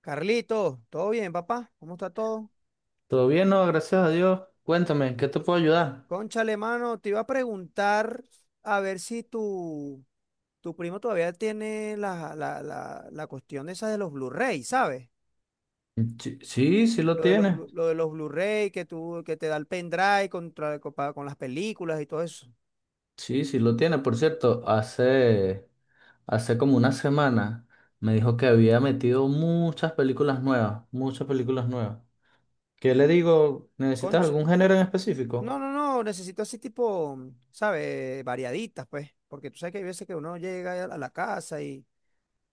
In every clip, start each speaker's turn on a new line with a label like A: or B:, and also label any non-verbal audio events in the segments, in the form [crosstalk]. A: Carlito, ¿todo bien, papá? ¿Cómo está todo?
B: Todo bien, no, gracias a Dios. Cuéntame, ¿en ¿qué te puedo ayudar?
A: Cónchale, mano, te iba a preguntar a ver si tu primo todavía tiene la cuestión esa de los Blu-ray, ¿sabes?
B: Sí, sí, sí lo
A: Lo de los,
B: tiene.
A: Blu- lo de los Blu-ray que tú, que te da el pendrive con las películas y todo eso.
B: Sí, sí lo tiene. Por cierto, hace como una semana me dijo que había metido muchas películas nuevas, muchas películas nuevas. ¿Qué le digo? ¿Necesitas
A: Concha,
B: algún género en
A: no,
B: específico?
A: no, no, necesito así tipo, ¿sabes? Variaditas, pues, porque tú sabes que hay veces que uno llega a la casa y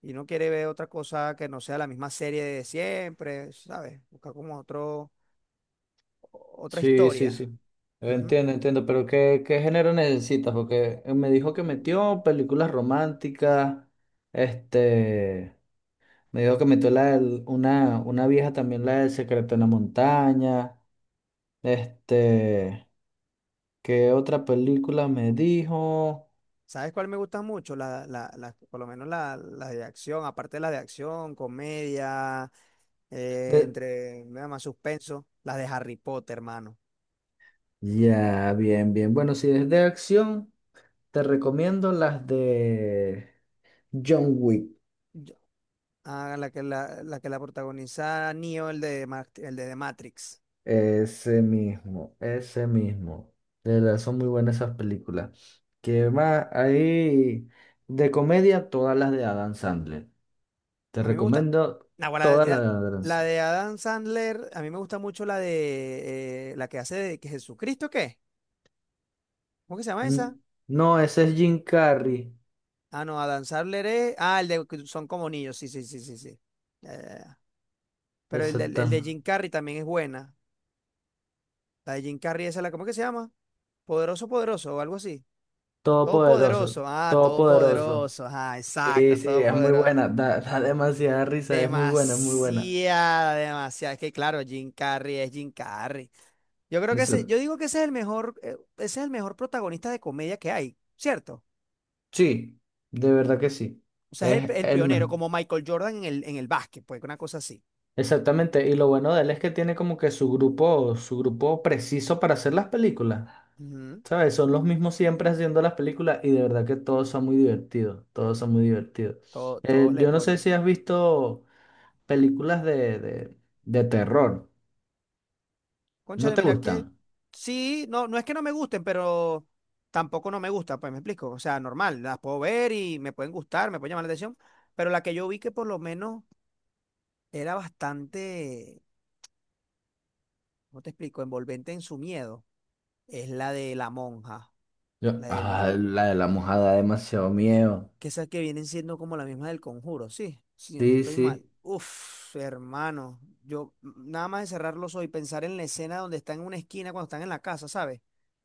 A: Y uno quiere ver otra cosa que no sea la misma serie de siempre, ¿sabes? Buscar como otro, otra
B: Sí, sí,
A: historia.
B: sí.
A: Ujú.
B: Entiendo, entiendo, pero ¿qué género necesitas? Porque me dijo que
A: Mm,
B: metió películas románticas, este... Me dijo que metió una vieja también, la del Secreto en la Montaña. Este, ¿qué otra película me dijo?
A: ¿sabes cuál me gusta mucho? Por lo menos la de acción, aparte de la de acción, comedia,
B: De-
A: entre nada más suspenso, la de Harry Potter, hermano.
B: ya, bien, bien. Bueno, si es de acción, te recomiendo las de John Wick.
A: Yo- la que la protagoniza Neo, el de The Matrix.
B: Ese mismo, ese mismo. De verdad, son muy buenas esas películas. ¿Qué más? Ahí, de comedia, todas las de Adam Sandler. Te
A: A mí me gusta.
B: recomiendo
A: Nah, bueno,
B: todas las de Adam
A: la
B: Sandler.
A: de Adam Sandler, a mí me gusta mucho la de la que hace de que Jesucristo, ¿qué? ¿Cómo que se llama esa?
B: N- No, ese es Jim Carrey.
A: Ah, no, Adam Sandler es. Ah, el de que son como niños, sí, sí, sí, sí, sí. Ya, ya, ya. Pero el de
B: Exactamente.
A: Jim Carrey también es buena. La de Jim Carrey, esa la, ¿cómo que se llama? Poderoso, poderoso, o algo así.
B: Todopoderoso.
A: Todopoderoso. Ah,
B: Todopoderoso.
A: todopoderoso. Ah,
B: Sí,
A: exacto,
B: sí, es muy
A: todopoderoso.
B: buena. Da demasiada risa. Es muy buena, es muy buena.
A: Demasiada, demasiada. Es que claro, Jim Carrey es Jim Carrey. Yo creo que ese,
B: Eso-
A: yo digo que ese es el mejor, ese es el mejor protagonista de comedia que hay, ¿cierto?
B: sí, de verdad que sí.
A: O sea, es
B: Es
A: el
B: el
A: pionero,
B: mejor.
A: como Michael Jordan en el básquet, pues una cosa así.
B: Exactamente. Y lo bueno de él es que tiene como que su grupo preciso para hacer las películas.
A: Ujú.
B: ¿Sabes? Son los mismos siempre haciendo las películas y de verdad que todos son muy divertidos. Todos son muy divertidos.
A: Todos le
B: Yo no sé
A: ponen.
B: si has visto películas de terror. ¿No
A: Cónchale,
B: te
A: mira que
B: gustan?
A: sí, no, no es que no me gusten, pero tampoco no me gusta, pues me explico. O sea, normal, las puedo ver y me pueden gustar, me pueden llamar la atención, pero la que yo vi que por lo menos era bastante, ¿cómo te explico? Envolvente en su miedo, es la de la monja,
B: Yo,
A: la del
B: ah, la de la mojada da demasiado miedo.
A: que esas que vienen siendo como las mismas del conjuro, sí, si no
B: Sí,
A: estoy mal.
B: sí.
A: Uf, hermano, nada más de cerrar los ojos y pensar en la escena donde está en una esquina cuando están en la casa, ¿sabes?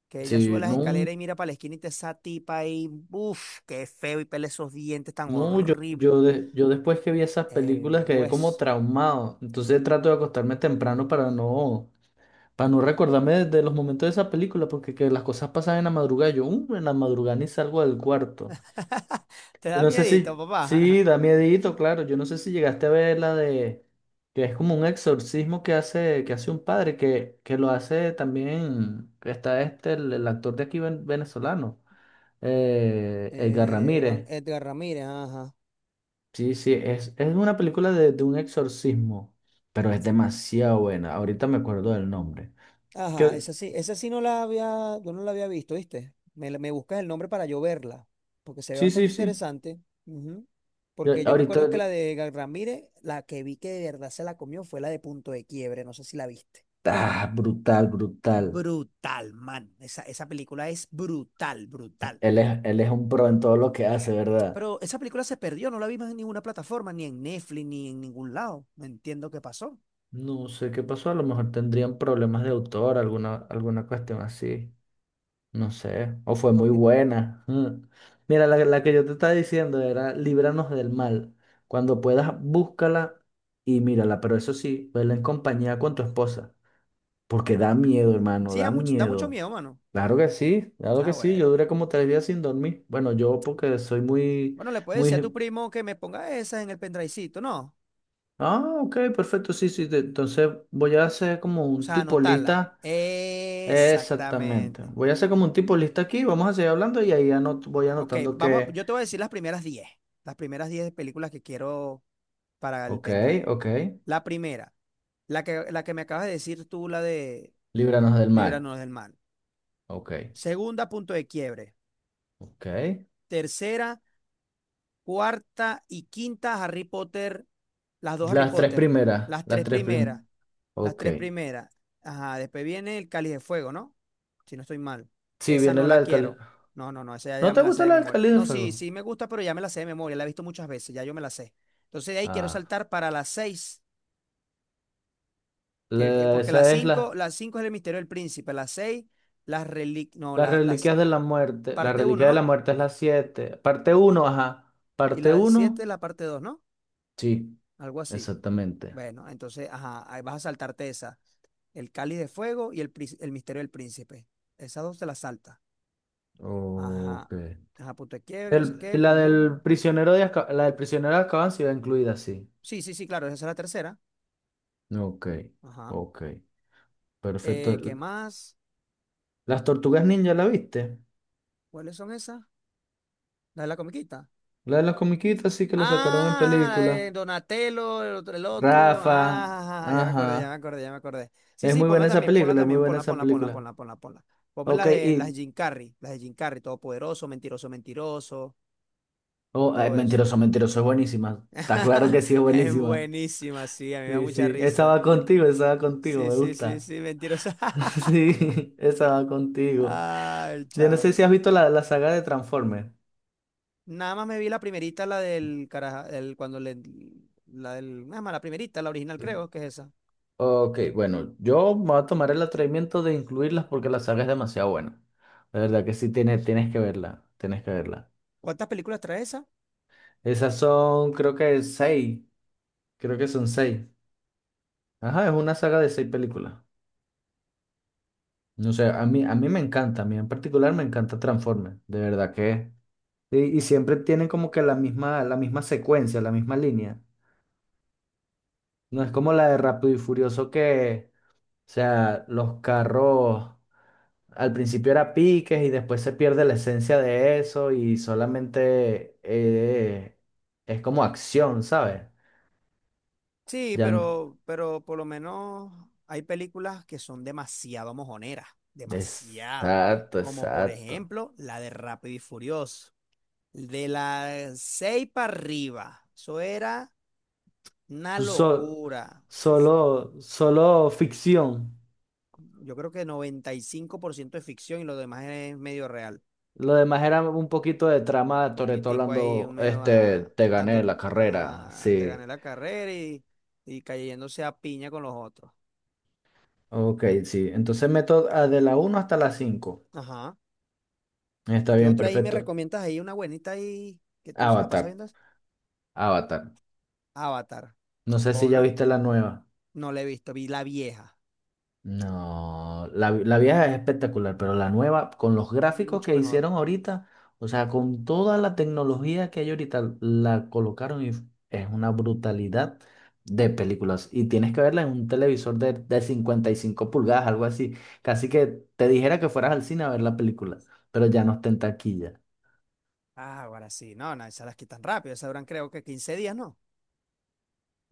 A: Que ella sube
B: Sí,
A: las
B: no,
A: escaleras y mira para la esquina y te esa tipa ahí, uf, qué feo y pele esos dientes tan
B: no, yo,
A: horrible.
B: yo, de- yo después que vi esas
A: El
B: películas quedé como
A: hueso.
B: traumado. Entonces trato de acostarme temprano para no recordarme de los momentos de esa película, porque que las cosas pasan en la madrugada. Yo, "En la madrugada ni salgo del cuarto.
A: [laughs] Te
B: Yo
A: da
B: no sé
A: miedito,
B: si,
A: papá.
B: sí,
A: [laughs]
B: da miedito, claro. Yo no sé si llegaste a ver la de que es como un exorcismo que hace un padre, que lo hace también, que está el actor de aquí venezolano, Edgar
A: Juan
B: Ramírez.
A: Edgar Ramírez, ajá.
B: Sí, sí, es una película de un exorcismo, pero es demasiado buena. Ahorita me acuerdo del nombre.
A: Ajá,
B: Que,
A: esa sí no la había, yo no la había visto, ¿viste? Me buscas el nombre para yo verla, porque se ve
B: sí, sí,
A: bastante
B: sí.
A: interesante. Ujú.
B: Yo-
A: Porque yo me acuerdo que
B: ahorita,
A: la de Gal Ramírez, la que vi que de verdad se la comió fue la de Punto de Quiebre, no sé si la viste.
B: brutal, brutal.
A: Brutal, man. Esa película es brutal, brutal.
B: Él es un pro en todo lo que hace, ¿verdad?
A: Pero esa película se perdió, no la vimos en ninguna plataforma, ni en Netflix, ni en ningún lado. No entiendo qué pasó.
B: No sé qué pasó, a lo mejor tendrían problemas de autor, alguna cuestión así, no sé, o fue muy
A: Porque
B: buena. [laughs] Mm. Mira, la que yo te estaba diciendo era Líbranos del mal. Cuando puedas, búscala y mírala, pero eso sí, vela en compañía con tu esposa, porque da miedo, hermano,
A: sí,
B: da
A: da mucho
B: miedo.
A: miedo, mano.
B: Claro
A: Ah,
B: que sí, yo
A: bueno.
B: duré como 3 días sin dormir. Bueno, yo porque soy muy,
A: Bueno, le puedes decir a tu
B: muy.
A: primo que me ponga esas en el pendrivecito, ¿no?
B: Ah, ok, perfecto, sí, sí, entonces voy a hacer como
A: O
B: un
A: sea,
B: tipo
A: anotarla.
B: lista. Exactamente.
A: Exactamente.
B: Voy a hacer como un tipo lista aquí, vamos a seguir hablando y ahí voy
A: Ah, ok,
B: anotando
A: vamos,
B: que,
A: yo te voy a decir las primeras 10, las primeras 10 películas que quiero para el
B: ok,
A: pendrive.
B: ok,
A: La primera, la que me acabas de decir tú, la de
B: líbranos del mal.
A: Líbranos del Mal.
B: Ok,
A: Segunda, Punto de Quiebre.
B: ok.
A: Tercera, cuarta y quinta, Harry Potter. Las dos Harry
B: Las tres
A: Potter.
B: primeras,
A: Las
B: las
A: tres
B: tres primeras.
A: primeras. Las
B: Ok.
A: tres primeras. Ajá, después viene el Cáliz de Fuego, ¿no? Si no estoy mal.
B: Sí,
A: Esa
B: viene
A: no
B: la
A: la
B: del Cali.
A: quiero. No, no, no, esa ya,
B: ¿No
A: ya
B: te
A: me la sé
B: gusta
A: de
B: la del
A: memoria.
B: Cali de
A: No, sí,
B: Fuego?
A: sí me gusta, pero ya me la sé de memoria. La he visto muchas veces, ya yo me la sé. Entonces de ahí quiero
B: Ah,
A: saltar para las seis, que,
B: la-
A: porque
B: esa es la,
A: las cinco es el misterio del príncipe, las seis, las reliquias, no,
B: las
A: las
B: reliquias de la muerte. La
A: parte uno,
B: reliquia de la
A: ¿no?
B: muerte es la siete. Parte uno, ajá.
A: Y
B: Parte
A: la siete,
B: uno.
A: la parte dos, ¿no?
B: Sí,
A: Algo así.
B: exactamente.
A: Bueno, entonces, ajá, ahí vas a saltarte esa. El cáliz de fuego y el misterio del príncipe. Esas dos te las saltas. Ajá.
B: Ok.
A: Ajá, punto de quiebre, no sé
B: El-
A: qué,
B: y
A: el conjunto.
B: la del prisionero de Azkaban sí va incluida, sí.
A: Sí, sí, sí, claro, esa es la tercera.
B: Ok,
A: Ajá.
B: ok, perfecto.
A: ¿Qué más?
B: Las tortugas ninja, ¿la viste?
A: ¿Cuáles son esas? La de la comiquita.
B: La de las comiquitas sí que la sacaron en
A: Ah,
B: película.
A: Donatello, el otro, el otro.
B: Rafa,
A: Ah, ya me
B: ajá.
A: acordé, ya me acordé, ya me acordé. Sí,
B: Es
A: sí,
B: muy
A: ponla
B: buena esa
A: también, ponla
B: película, es muy
A: también,
B: buena
A: ponla,
B: esa
A: ponla, ponla,
B: película.
A: ponla, ponla, ponla. Ponme
B: Ok,
A: las de
B: y...
A: Jim Carrey, las de Jim Carrey, todopoderoso, mentiroso, mentiroso,
B: Oh, ay,
A: todo eso.
B: mentiroso, mentiroso, es buenísima. Está claro
A: [laughs]
B: que sí, es
A: Es
B: buenísima.
A: buenísima, sí, a mí me da
B: Sí,
A: mucha
B: sí,
A: risa.
B: esa va contigo,
A: Sí,
B: me
A: sí, sí,
B: gusta.
A: sí, mentiroso.
B: [laughs]
A: [laughs]
B: Sí, esa va contigo.
A: Ah, el
B: Yo no
A: chavo.
B: sé si has visto la saga de Transformers.
A: Nada más me vi la primerita, la del caraja, el, cuando le, la del, nada más la primerita, la original creo que es esa.
B: Ok, bueno, yo me voy a tomar el atrevimiento de incluirlas porque la saga es demasiado buena. De verdad que sí tienes que verla, tienes que verla.
A: ¿Cuántas películas trae esa?
B: Esas son, creo que seis, creo que son seis. Ajá, es una saga de seis películas. No sé, a mí me encanta, a mí en particular me encanta Transformers, de verdad que. Y siempre tienen como que la misma secuencia, la misma línea. No es como la de Rápido y Furioso que, o sea, los carros. Al principio era piques y después se pierde la esencia de eso y solamente es como acción, ¿sabes?
A: Sí,
B: Ya n-
A: pero por lo menos hay películas que son demasiado mojoneras, demasiado.
B: Exacto,
A: Como por
B: exacto.
A: ejemplo la de Rápido y Furioso. De las seis para arriba. Eso era una
B: So-
A: locura.
B: solo ficción.
A: Yo creo que 95% es ficción y lo demás es medio real.
B: Lo demás era un poquito de trama de Toretto
A: Poquitico ahí, un
B: hablando,
A: menos, ajá,
B: te gané
A: dando,
B: la carrera,
A: ajá, te
B: sí.
A: gané la carrera y cayéndose a piña con los otros.
B: Ok, sí. Entonces meto de la uno hasta la 5.
A: Ajá.
B: Está
A: ¿Qué
B: bien,
A: otra ahí me
B: perfecto.
A: recomiendas ahí? Una buenita ahí que tú se la pasas
B: Avatar,
A: viendo.
B: Avatar.
A: Avatar.
B: No sé si ya
A: Ponla.
B: viste la nueva.
A: No la he visto, vi la vieja.
B: No, la vieja es espectacular, pero la nueva, con los
A: Es
B: gráficos
A: mucho
B: que
A: mejor.
B: hicieron ahorita, o sea, con toda la tecnología que hay ahorita, la colocaron y es una brutalidad de películas. Y tienes que verla en un televisor de 55 pulgadas, algo así. Casi que te dijera que fueras al cine a ver la película, pero ya no está en taquilla.
A: Ah, ahora sí. No, no, esas las quitan rápido. Esas duran creo que 15 días, ¿no?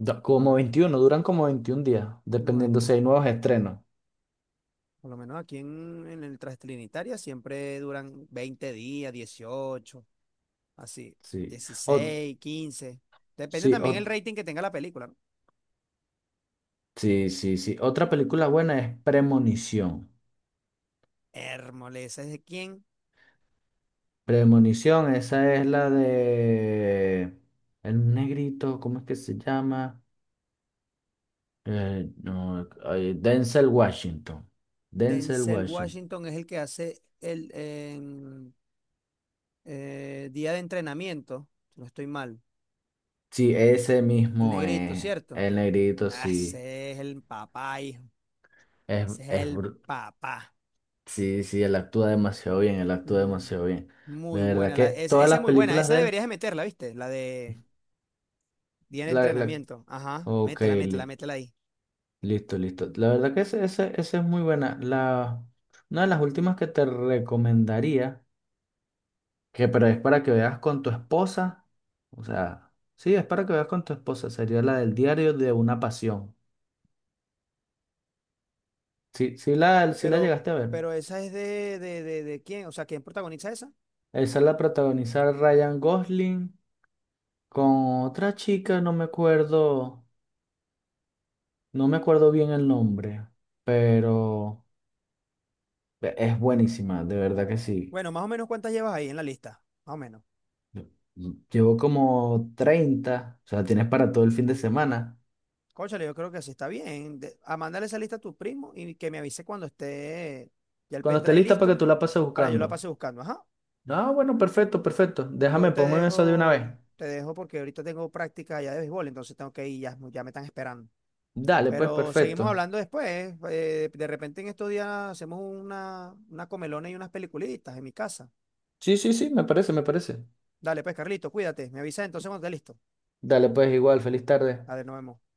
B: Como 21 duran como 21 días,
A: No,
B: dependiendo
A: 20.
B: si hay nuevos estrenos.
A: Por lo menos aquí en el Trinitaria siempre duran 20 días, 18 así,
B: Sí. O,
A: 16, 15. Depende
B: sí,
A: también el
B: o,
A: rating que tenga la película, ¿no?
B: sí, sí, sí. Otra película buena es Premonición.
A: Hérmoles, ¿es de quién?
B: Premonición, esa es la de el negrito, ¿cómo es que se llama? No, ay, Denzel Washington. Denzel
A: Denzel
B: Washington.
A: Washington es el que hace el en, día de entrenamiento. Si no estoy mal.
B: Sí, ese
A: El
B: mismo
A: negrito,
B: es
A: ¿cierto?
B: el negrito,
A: Ah,
B: sí.
A: ese es el papá, hijo.
B: Es,
A: Ese es
B: es,
A: el
B: br-
A: papá.
B: sí, sí, él actúa demasiado bien, él actúa
A: Mm,
B: demasiado bien. De
A: muy
B: verdad
A: buena. La,
B: que
A: esa,
B: todas
A: esa
B: las
A: es muy buena.
B: películas
A: Esa
B: de él,
A: deberías de meterla, ¿viste? La de día de
B: la, la,
A: entrenamiento. Ajá,
B: ok,
A: métela, métela,
B: li-
A: métela ahí.
B: Listo, listo. La verdad que esa es muy buena. Una de las últimas que te recomendaría, que pero es para que veas con tu esposa, o sea, sí, es para que veas con tu esposa, sería la del diario de una pasión. Sí, sí la
A: Pero,
B: llegaste a ver.
A: pero esa es de quién? O sea, ¿quién protagoniza esa?
B: Esa la protagoniza Ryan Gosling con otra chica, no me acuerdo, no me acuerdo bien el nombre, pero es buenísima, de verdad que sí.
A: Bueno, más o menos cuántas llevas ahí en la lista. Más o menos.
B: Llevo como 30 o sea, tienes para todo el fin de semana.
A: Cónchale, yo creo que sí está bien. A mandarle esa lista a tu primo y que me avise cuando esté ya el
B: Cuando esté
A: pendrive
B: lista para que
A: listo
B: tú la pases
A: para yo la
B: buscando.
A: pase buscando. Ajá.
B: Ah, bueno, perfecto, perfecto. Déjame,
A: Yo
B: ponme eso de una vez.
A: te dejo porque ahorita tengo práctica ya de béisbol, entonces tengo que ir, ya, ya me están esperando.
B: Dale, pues,
A: Pero seguimos
B: perfecto.
A: hablando después. De repente en estos días hacemos una comelona y unas peliculitas en mi casa.
B: Sí, sí, sí, me parece, me parece.
A: Dale, pues, Carlito, cuídate. Me avisa entonces cuando esté listo.
B: Dale, pues, igual, feliz tarde.
A: Dale, nos vemos.